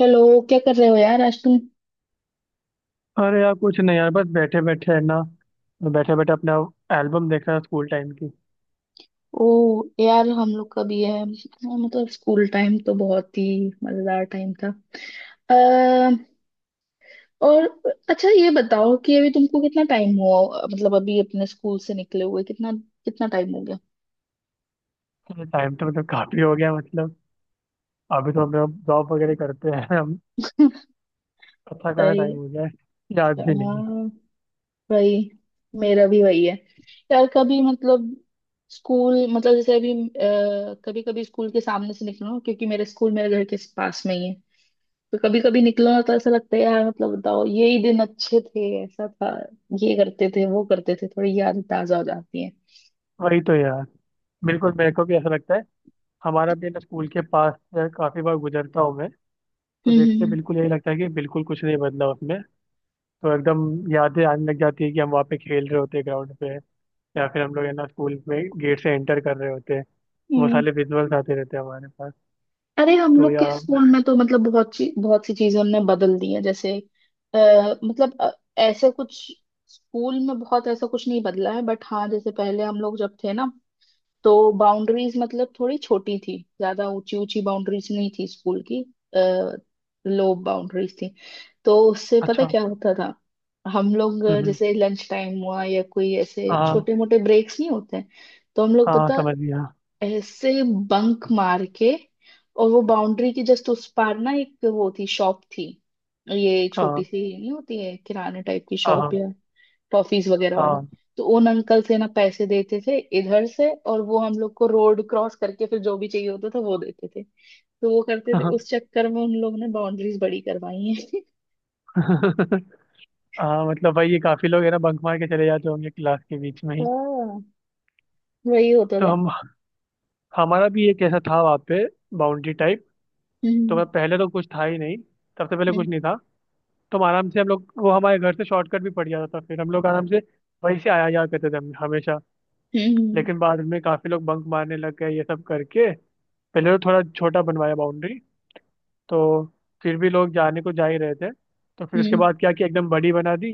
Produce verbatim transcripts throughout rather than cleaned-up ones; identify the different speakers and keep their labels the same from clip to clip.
Speaker 1: Hello. क्या कर रहे हो यार आज तुम?
Speaker 2: अरे यार, कुछ नहीं यार, बस बैठे बैठे है ना। बैठे बैठे अपना एल्बम देख रहा, स्कूल टाइम की।
Speaker 1: ओ यार, हम लोग का भी है हाँ, मतलब स्कूल टाइम तो बहुत ही मजेदार टाइम था। अः और अच्छा ये बताओ कि अभी तुमको कितना टाइम हुआ, मतलब अभी अपने स्कूल से निकले हुए कितना कितना टाइम हो गया?
Speaker 2: टाइम तो मतलब काफी हो गया। मतलब अभी तो हम लोग जॉब वगैरह करते हैं। हम अच्छा खासा
Speaker 1: भाई।
Speaker 2: टाइम हो गया है। याद
Speaker 1: हाँ
Speaker 2: भी नहीं है।
Speaker 1: भाई, मेरा भी वही है। यार कभी मतलब स्कूल मतलब जैसे अभी कभी कभी स्कूल के सामने से निकलो, क्योंकि मेरे स्कूल मेरे घर के पास में ही है। तो कभी कभी निकलो ना तो ऐसा लगता है यार, मतलब बताओ ये ही दिन अच्छे थे ऐसा था, ये करते थे वो करते थे, थोड़ी याद ताजा हो जाती है।
Speaker 2: वही तो यार, बिल्कुल मेरे को भी ऐसा लगता है। हमारा भी ना स्कूल के पास से काफी बार गुजरता हूँ मैं। तो
Speaker 1: हम्म।
Speaker 2: देख के
Speaker 1: हम्म।
Speaker 2: बिल्कुल यही लगता है कि बिल्कुल कुछ नहीं बदला उसमें। तो एकदम यादें आने लग जाती है कि हम वहाँ पे खेल रहे होते हैं ग्राउंड पे, या फिर हम लोग है ना स्कूल में गेट से एंटर कर रहे होते हैं।
Speaker 1: हम्म।
Speaker 2: वो
Speaker 1: हम्म।
Speaker 2: सारे विजुअल्स आते रहते हैं हमारे पास।
Speaker 1: अरे हम
Speaker 2: तो
Speaker 1: लोग के
Speaker 2: यार,
Speaker 1: स्कूल में तो मतलब बहुत सी बहुत सी चीजें उनने बदल दी है। जैसे आ, मतलब अ, ऐसे कुछ स्कूल में बहुत ऐसा कुछ नहीं बदला है, बट हाँ जैसे पहले हम लोग जब थे ना, तो बाउंड्रीज मतलब थोड़ी छोटी थी, ज्यादा ऊंची ऊंची बाउंड्रीज नहीं थी स्कूल की, लो बाउंड्रीज थी। तो उससे पता
Speaker 2: अच्छा।
Speaker 1: क्या होता था, हम लोग अ,
Speaker 2: हम्म हम्म,
Speaker 1: जैसे लंच टाइम हुआ या कोई ऐसे
Speaker 2: हाँ।
Speaker 1: छोटे मोटे ब्रेक्स नहीं होते हैं तो हम लोग
Speaker 2: हाँ
Speaker 1: पता
Speaker 2: समझ गया।
Speaker 1: ऐसे बंक मार के, और वो बाउंड्री के जस्ट उस पार ना एक वो थी, शॉप थी। ये छोटी
Speaker 2: हाँ
Speaker 1: सी नहीं होती है किराने टाइप की शॉप
Speaker 2: हाँ।
Speaker 1: या टॉफीज वगैरह वाली।
Speaker 2: हाँ
Speaker 1: तो उन अंकल से ना पैसे देते थे इधर से, और वो हम लोग को रोड क्रॉस करके फिर जो भी चाहिए होता था वो देते थे। तो वो करते थे,
Speaker 2: हाँ।
Speaker 1: उस चक्कर में उन लोगों ने बाउंड्रीज बड़ी करवाई है।
Speaker 2: हाँ, मतलब भाई ये काफी लोग है ना बंक मार के चले जाते होंगे क्लास के बीच में ही।
Speaker 1: हाँ, वही होता
Speaker 2: तो
Speaker 1: था।
Speaker 2: हम हमारा भी एक ऐसा था वहाँ पे, बाउंड्री टाइप। तो
Speaker 1: हम्म।
Speaker 2: मैं पहले तो कुछ था ही नहीं, सबसे पहले
Speaker 1: हम्म।
Speaker 2: कुछ नहीं था। तो हम आराम से हम लोग, वो हमारे घर से शॉर्टकट भी पड़ जाता था, फिर हम लोग आराम से वहीं से आया जाया करते थे हम हमेशा।
Speaker 1: हम्म। हम्म।
Speaker 2: लेकिन बाद में काफी लोग बंक मारने लग गए ये सब करके। पहले तो थोड़ा छोटा बनवाया बाउंड्री, तो फिर भी लोग जाने को जा ही रहे थे। तो फिर उसके
Speaker 1: हम्म।
Speaker 2: बाद क्या कि एकदम बड़ी बना दी,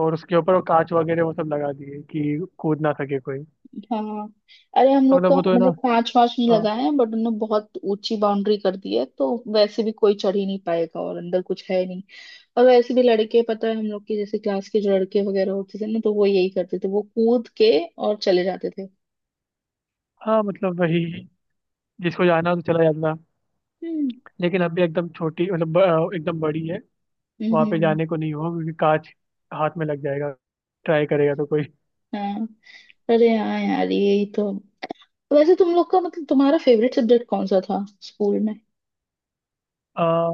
Speaker 2: और उसके ऊपर वो कांच वगैरह वो सब लगा दिए कि कूद ना सके कोई।
Speaker 1: हाँ। अरे हम
Speaker 2: तो
Speaker 1: लोग
Speaker 2: मतलब
Speaker 1: का
Speaker 2: वो तो है
Speaker 1: मतलब
Speaker 2: ना।
Speaker 1: पांच पांच नहीं
Speaker 2: हाँ।
Speaker 1: लगाए हैं, बट उन्होंने बहुत ऊंची बाउंड्री कर दी है, तो वैसे भी कोई चढ़ ही नहीं पाएगा और अंदर कुछ है नहीं। और वैसे भी लड़के, पता है हम लोग की जैसे क्लास के जो लड़के वगैरह होते थे ना, तो वो यही करते थे, वो कूद के और चले जाते थे।
Speaker 2: हाँ मतलब वही, जिसको जाना हो तो चला जाता।
Speaker 1: हम्म।
Speaker 2: लेकिन अभी एकदम छोटी मतलब ब- एकदम बड़ी है।
Speaker 1: हम्म।
Speaker 2: वहाँ पे
Speaker 1: हम्म।
Speaker 2: जाने को नहीं होगा क्योंकि कांच हाथ में लग जाएगा, ट्राई करेगा तो कोई।
Speaker 1: हाँ। अरे हाँ यार, यही तो। वैसे तुम लोग का मतलब तुम्हारा फेवरेट सब्जेक्ट कौन सा था स्कूल में?
Speaker 2: आ,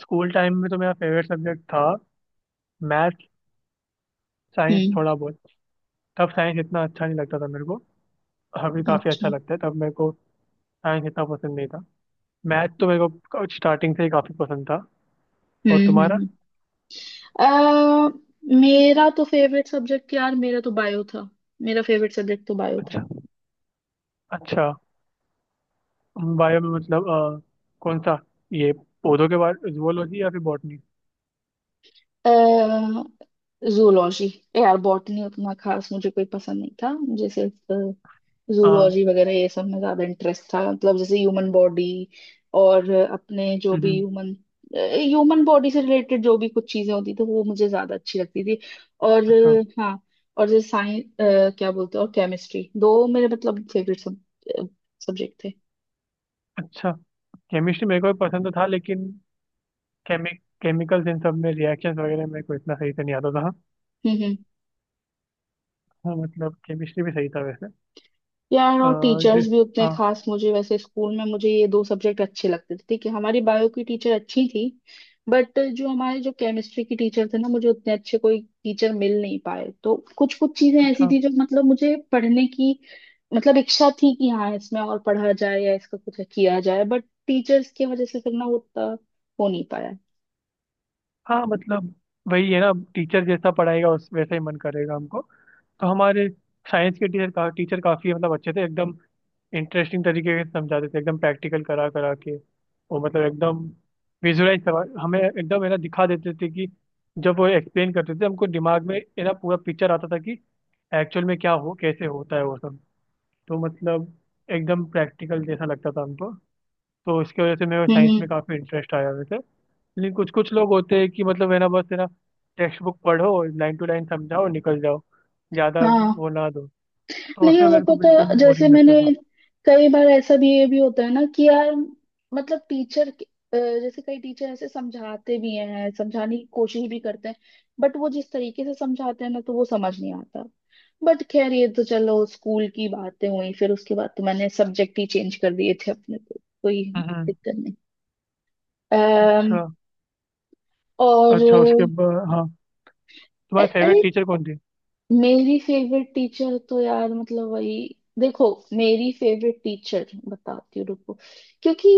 Speaker 2: स्कूल टाइम में तो मेरा फेवरेट सब्जेक्ट था मैथ, साइंस
Speaker 1: हम्म।
Speaker 2: थोड़ा बहुत। तब साइंस इतना अच्छा नहीं लगता था मेरे को, अभी काफ़ी अच्छा
Speaker 1: अच्छा।
Speaker 2: लगता है तब मेरे को। साइंस इतना पसंद नहीं था। मैथ तो मेरे को स्टार्टिंग से ही काफी पसंद था।
Speaker 1: हम्म।
Speaker 2: और
Speaker 1: हम्म।
Speaker 2: तुम्हारा?
Speaker 1: हम्म। अ, मेरा तो फेवरेट सब्जेक्ट यार, मेरा तो बायो था। मेरा फेवरेट सब्जेक्ट तो बायो था।
Speaker 2: अच्छा। अच्छा। बायो में मतलब अ, कौन सा, ये पौधों के बारे, जुअलोजी या फिर बॉटनी?
Speaker 1: जूलॉजी। यार बॉटनी उतना खास मुझे कोई पसंद नहीं था, मुझे सिर्फ
Speaker 2: हाँ।
Speaker 1: जूलॉजी वगैरह ये सब में ज्यादा इंटरेस्ट था, मतलब जैसे ह्यूमन बॉडी। और अ, अपने जो भी
Speaker 2: हम्म।
Speaker 1: ह्यूमन ह्यूमन बॉडी से रिलेटेड जो भी कुछ चीजें होती थी वो मुझे ज्यादा अच्छी लगती थी। और
Speaker 2: अच्छा।
Speaker 1: अ, हाँ। और जैसे साइंस क्या बोलते हैं, और केमिस्ट्री, दो मेरे मतलब फेवरेट सब, सब्जेक्ट थे।
Speaker 2: अच्छा। केमिस्ट्री मेरे को भी पसंद तो था लेकिन केमि केमिकल्स इन सब में रिएक्शंस वगैरह मेरे को इतना सही से नहीं आता था।
Speaker 1: हम्म। हम्म।
Speaker 2: हाँ मतलब केमिस्ट्री भी सही था वैसे।
Speaker 1: यार
Speaker 2: अ,
Speaker 1: और टीचर्स
Speaker 2: जिस,
Speaker 1: भी उतने
Speaker 2: हाँ,
Speaker 1: खास, मुझे वैसे स्कूल में मुझे ये दो सब्जेक्ट अच्छे लगते थे, ठीक है। हमारी बायो की टीचर अच्छी थी, बट जो हमारे जो केमिस्ट्री की टीचर थे ना, मुझे उतने अच्छे कोई टीचर मिल नहीं पाए, तो कुछ कुछ चीजें ऐसी
Speaker 2: अच्छा।
Speaker 1: थी जो मतलब मुझे पढ़ने की मतलब इच्छा थी कि हाँ इसमें और पढ़ा जाए या इसका कुछ किया जाए, बट टीचर्स की वजह से फिर ना वो उतना हो नहीं पाया।
Speaker 2: हाँ मतलब वही है ना, टीचर जैसा पढ़ाएगा उस वैसा ही मन करेगा हमको। तो हमारे साइंस के टीचर का टीचर काफी मतलब अच्छे थे एकदम, इंटरेस्टिंग तरीके से समझाते थे एकदम, प्रैक्टिकल करा करा के। वो मतलब एकदम विजुअलाइज करवा हमें एकदम है ना दिखा देते थे कि जब वो एक्सप्लेन करते थे हमको दिमाग में है ना पूरा पिक्चर आता था कि एक्चुअल में क्या हो कैसे होता है वो सब। तो मतलब एकदम प्रैक्टिकल जैसा लगता था हमको। तो इसकी वजह से मेरे
Speaker 1: हम्म।
Speaker 2: साइंस
Speaker 1: हम्म।
Speaker 2: में काफ़ी इंटरेस्ट आया वैसे। लेकिन कुछ कुछ लोग होते हैं कि मतलब है ना बस है ना टेक्स्ट बुक पढ़ो लाइन टू लाइन समझाओ और निकल जाओ, ज्यादा
Speaker 1: हाँ।
Speaker 2: वो ना दो। तो
Speaker 1: नहीं
Speaker 2: उसमें
Speaker 1: और
Speaker 2: मेरे को
Speaker 1: पता,
Speaker 2: बिल्कुल भी
Speaker 1: जैसे
Speaker 2: बोरिंग
Speaker 1: मैंने
Speaker 2: लगता था।
Speaker 1: कई बार ऐसा भी ये भी होता है ना कि यार मतलब टीचर, जैसे कई टीचर ऐसे समझाते भी हैं, समझाने की कोशिश भी करते हैं, बट वो जिस तरीके से समझाते हैं ना तो वो समझ नहीं आता। बट खैर ये तो चलो, स्कूल की बातें हुई, फिर उसके बाद तो मैंने सब्जेक्ट ही चेंज कर दिए थे अपने को, कोई
Speaker 2: हम्म।
Speaker 1: दिक्कत नहीं। अम्म
Speaker 2: अच्छा। अच्छा
Speaker 1: और
Speaker 2: उसके बाद? हाँ, तुम्हारी
Speaker 1: अ-
Speaker 2: फेवरेट
Speaker 1: अरे,
Speaker 2: टीचर कौन थी?
Speaker 1: मेरी फेवरेट टीचर तो यार मतलब वही, देखो, मेरी फेवरेट टीचर बताती हूँ, रुको। क्योंकि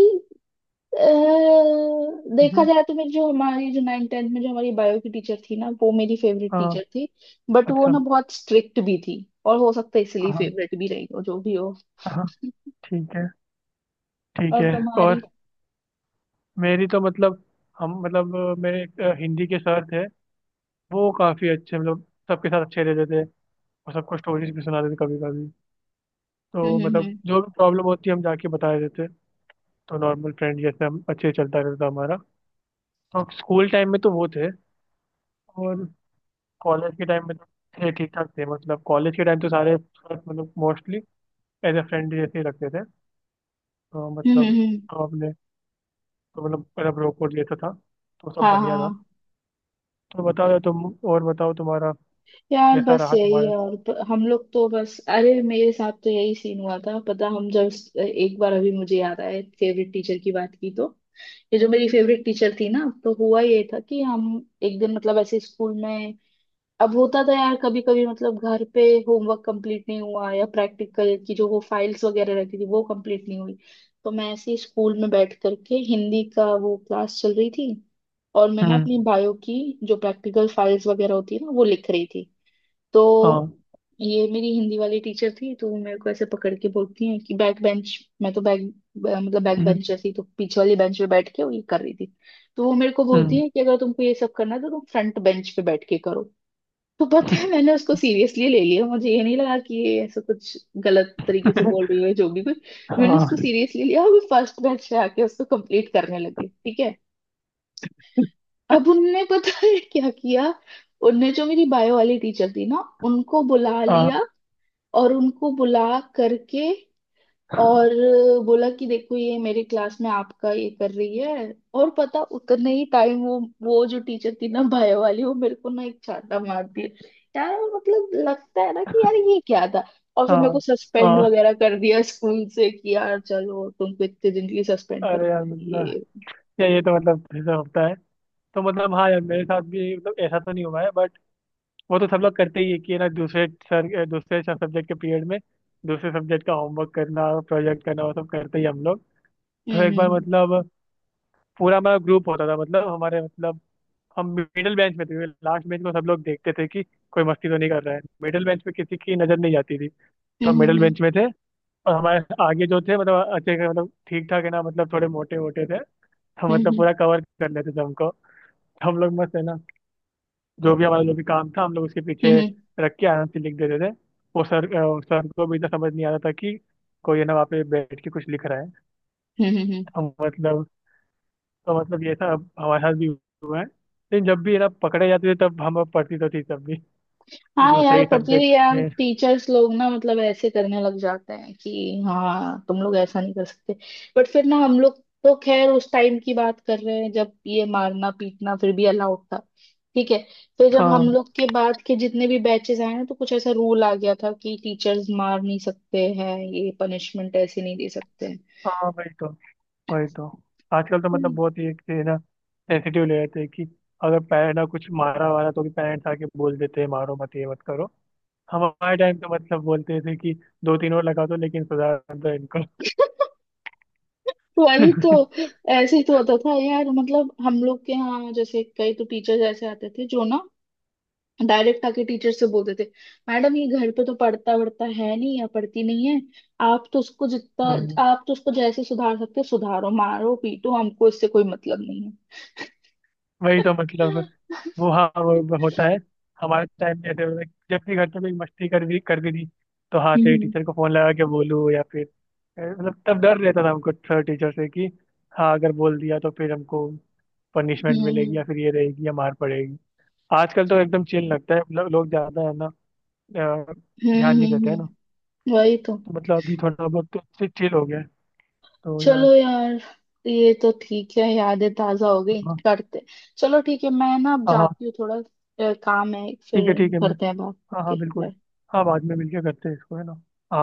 Speaker 1: अह, देखा
Speaker 2: हम्म।
Speaker 1: जाए तो मेरी जो हमारी जो नाइन टेंथ में जो हमारी बायो की टीचर थी ना, वो मेरी फेवरेट
Speaker 2: हाँ।
Speaker 1: टीचर थी। बट वो
Speaker 2: अच्छा।
Speaker 1: ना बहुत स्ट्रिक्ट भी थी, और हो सकता है इसलिए
Speaker 2: हाँ
Speaker 1: फेवरेट भी रही हो, जो भी हो।
Speaker 2: हाँ, हाँ, ठीक है, ठीक
Speaker 1: और
Speaker 2: है। और
Speaker 1: तुम्हारी?
Speaker 2: मेरी तो मतलब, हम मतलब अ, मेरे एक, अ, हिंदी के सर थे। वो काफी अच्छे मतलब सबके साथ अच्छे रहते थे, और सबको स्टोरीज भी सुनाते थे कभी कभी।
Speaker 1: हम्म।
Speaker 2: तो
Speaker 1: हम्म।
Speaker 2: मतलब
Speaker 1: हम्म।
Speaker 2: जो भी प्रॉब्लम होती है हम जाके बता देते थे। तो नॉर्मल फ्रेंड जैसे हम अच्छे चलता रहता हमारा। तो स्कूल टाइम में तो वो थे। और कॉलेज के टाइम में तो थे ठीक ठाक थे, मतलब कॉलेज के टाइम तो सारे मतलब मोस्टली एज ए फ्रेंड जैसे ही रखते थे। तो
Speaker 1: हम्म।
Speaker 2: मतलब
Speaker 1: हम्म। हम्म।
Speaker 2: हम अपने, तो मतलब मतलब रोक वोक लेता था, तो सब
Speaker 1: हाँ।
Speaker 2: बढ़िया था।
Speaker 1: हाँ।
Speaker 2: तो बताओ यार तुम, और बताओ तुम्हारा
Speaker 1: यार
Speaker 2: कैसा
Speaker 1: बस
Speaker 2: रहा
Speaker 1: यही
Speaker 2: तुम्हारा?
Speaker 1: है। और ब- हम लोग तो बस, अरे मेरे साथ तो यही सीन हुआ था पता, हम जब एक बार, अभी मुझे याद आया फेवरेट टीचर की बात की तो, ये जो मेरी फेवरेट टीचर थी ना, तो हुआ ये था कि हम एक दिन मतलब ऐसे स्कूल में, अब होता था यार कभी कभी मतलब घर पे होमवर्क कंप्लीट नहीं हुआ या प्रैक्टिकल की जो वो फाइल्स वगैरह रहती थी वो कंप्लीट नहीं हुई, तो मैं ऐसे ही स्कूल में बैठ करके, हिंदी का वो क्लास चल रही थी, और मैं ना
Speaker 2: हम्म।
Speaker 1: अपनी बायो की जो प्रैक्टिकल फाइल्स वगैरह होती है ना वो लिख रही थी। तो
Speaker 2: हाँ।
Speaker 1: ये मेरी हिंदी वाली टीचर थी, तो वो मेरे को ऐसे पकड़ के बोलती हैं कि बैक बेंच, मैं तो बैक मतलब बैक
Speaker 2: हम्म
Speaker 1: बेंच जैसी, तो पीछे वाली बेंच पे बैठ के वो ये कर रही थी। तो वो मेरे को बोलती
Speaker 2: हम्म,
Speaker 1: है कि अगर तुमको ये सब करना है तो तुम फ्रंट बेंच पे बैठ के करो। तो पता है, मैंने उसको सीरियसली ले लिया, मुझे ये नहीं लगा कि ये ऐसा कुछ गलत तरीके से बोल रही है जो भी कुछ। मैंने उसको
Speaker 2: हाँ
Speaker 1: सीरियसली लिया और फर्स्ट बेंच पे आके उसको कंप्लीट करने लगे, ठीक है। अब उनने पता है क्या किया, उनने जो मेरी बायो वाली टीचर थी ना उनको बुला
Speaker 2: हाँ,
Speaker 1: लिया, और उनको बुला करके और बोला कि देखो ये मेरे क्लास में आपका ये कर रही है। और पता, उतने ही टाइम वो वो जो टीचर थी ना बायो वाली, वो मेरे को ना एक चांटा मार दिया। यार मतलब लगता है ना कि यार ये क्या था। और फिर मेरे
Speaker 2: हाँ
Speaker 1: को सस्पेंड
Speaker 2: हाँ।
Speaker 1: वगैरह कर दिया स्कूल से कि यार चलो, तुमको इतने दिन के लिए सस्पेंड
Speaker 2: अरे यार
Speaker 1: करते हैं
Speaker 2: मतलब,
Speaker 1: ये।
Speaker 2: यार ये तो मतलब ऐसा होता है। तो मतलब हाँ यार, मेरे साथ भी मतलब ऐसा तो नहीं हुआ है, बट वो तो सब लोग करते ही है कि ना, दूसरे सर दूसरे सब्जेक्ट के पीरियड में दूसरे सब्जेक्ट का होमवर्क करना, प्रोजेक्ट करना, वो सब करते ही हम लोग। तो एक बार
Speaker 1: हम्म।
Speaker 2: मतलब, पूरा हमारा ग्रुप होता था मतलब हमारे मतलब, हम मिडिल बेंच में थे। लास्ट बेंच में सब लोग देखते थे कि कोई मस्ती तो नहीं कर रहा है, मिडिल बेंच पे किसी की नजर नहीं जाती थी। तो हम
Speaker 1: हम्म।
Speaker 2: मिडिल
Speaker 1: हम्म।
Speaker 2: बेंच में थे, और हमारे आगे जो थे मतलब अच्छे खासे, मतलब ठीक ठाक है ना, मतलब थोड़े मोटे मोटे थे, तो
Speaker 1: हम्म।
Speaker 2: मतलब
Speaker 1: हम्म।
Speaker 2: पूरा कवर कर लेते थे हमको। तो हम लोग मस्त है ना, जो भी हमारा जो भी काम था हम लोग उसके
Speaker 1: हम्म।
Speaker 2: पीछे
Speaker 1: हम्म।
Speaker 2: रख के आराम से लिख देते थे। वो सर अ, सर को भी इतना समझ नहीं आता था कि कोई है ना वहाँ पे बैठ के कुछ लिख रहा है।
Speaker 1: हम्म। हम्म। हम्म। हम्म। हम्म।
Speaker 2: हम मतलब, तो मतलब ये था। अब हमारे साथ भी हुआ है लेकिन जब भी है ना पकड़े जाते थे तब हम पढ़ती तो थी तब भी, कि
Speaker 1: हाँ
Speaker 2: दूसरे
Speaker 1: यार,
Speaker 2: ही
Speaker 1: पढ़ती थी
Speaker 2: सब्जेक्ट
Speaker 1: यार।
Speaker 2: में।
Speaker 1: टीचर्स लोग ना मतलब ऐसे करने लग जाते हैं कि हाँ तुम लोग ऐसा नहीं कर सकते, बट फिर ना हम लोग, तो खैर उस टाइम की बात कर रहे हैं जब ये मारना पीटना फिर भी अलाउड था, ठीक है। फिर जब
Speaker 2: हाँ
Speaker 1: हम लोग के बाद के जितने भी बैचेस आए ना, तो कुछ ऐसा रूल आ गया था कि टीचर्स मार नहीं सकते हैं, ये पनिशमेंट ऐसे नहीं दे सकते हैं।
Speaker 2: हाँ वही तो, वही तो। आजकल तो मतलब
Speaker 1: हम्म।
Speaker 2: बहुत ही एक है ना सेंसिटिव ले रहते हैं कि अगर पैर ना कुछ मारा वारा तो भी पेरेंट्स आके बोल देते हैं मारो मत, ये मत करो। हमारे टाइम तो मतलब बोलते थे कि दो तीन और लगा दो लेकिन सुधार दो इनको।
Speaker 1: वही तो। ऐसे ही तो होता था यार, मतलब हम लोग के यहाँ जैसे कई तो टीचर्स ऐसे आते थे जो ना डायरेक्ट आके टीचर से बोलते थे, मैडम ये घर पे तो पढ़ता वढ़ता है नहीं या पढ़ती नहीं है, आप तो उसको जितना
Speaker 2: हम्म,
Speaker 1: आप तो उसको जैसे सुधार सकते हो सुधारो, मारो पीटो, हमको इससे कोई मतलब नहीं है।
Speaker 2: वही तो मतलब, वो हाँ, वो वो होता है। हमारे टाइम में ऐसे होता है, कि जब भी घर पे कोई मस्ती कर भी कर भी दी तो हाँ तेरे
Speaker 1: हम्म।
Speaker 2: टीचर को फोन लगा के बोलूँ, या फिर ए, मतलब तब डर रहता था हमको सर टीचर से कि हाँ अगर बोल दिया तो फिर हमको पनिशमेंट
Speaker 1: हम्म। हम्म।
Speaker 2: मिलेगी या फिर ये रहेगी या मार पड़ेगी। आजकल तो एकदम चिल लगता है, लो, लोग ज्यादा है ना, अ,
Speaker 1: हम्म।
Speaker 2: ध्यान
Speaker 1: हम्म।
Speaker 2: नहीं देते
Speaker 1: हम्म।
Speaker 2: है ना।
Speaker 1: हम्म। वही तो।
Speaker 2: तो मतलब अभी थोड़ा बहुत तो चिल हो गया है। तो यार,
Speaker 1: चलो यार, ये तो ठीक है, यादें ताजा हो गई
Speaker 2: हाँ।
Speaker 1: करते। चलो ठीक है, मैं ना अब
Speaker 2: हाँ हाँ,
Speaker 1: जाती हूँ थोड़ा, अ, काम है, फिर
Speaker 2: ठीक है, ठीक है, मैं।
Speaker 1: करते हैं बात,
Speaker 2: हाँ हाँ
Speaker 1: ओके
Speaker 2: बिल्कुल,
Speaker 1: बाय।
Speaker 2: हाँ बाद में मिलके करते हैं इसको है ना। हाँ।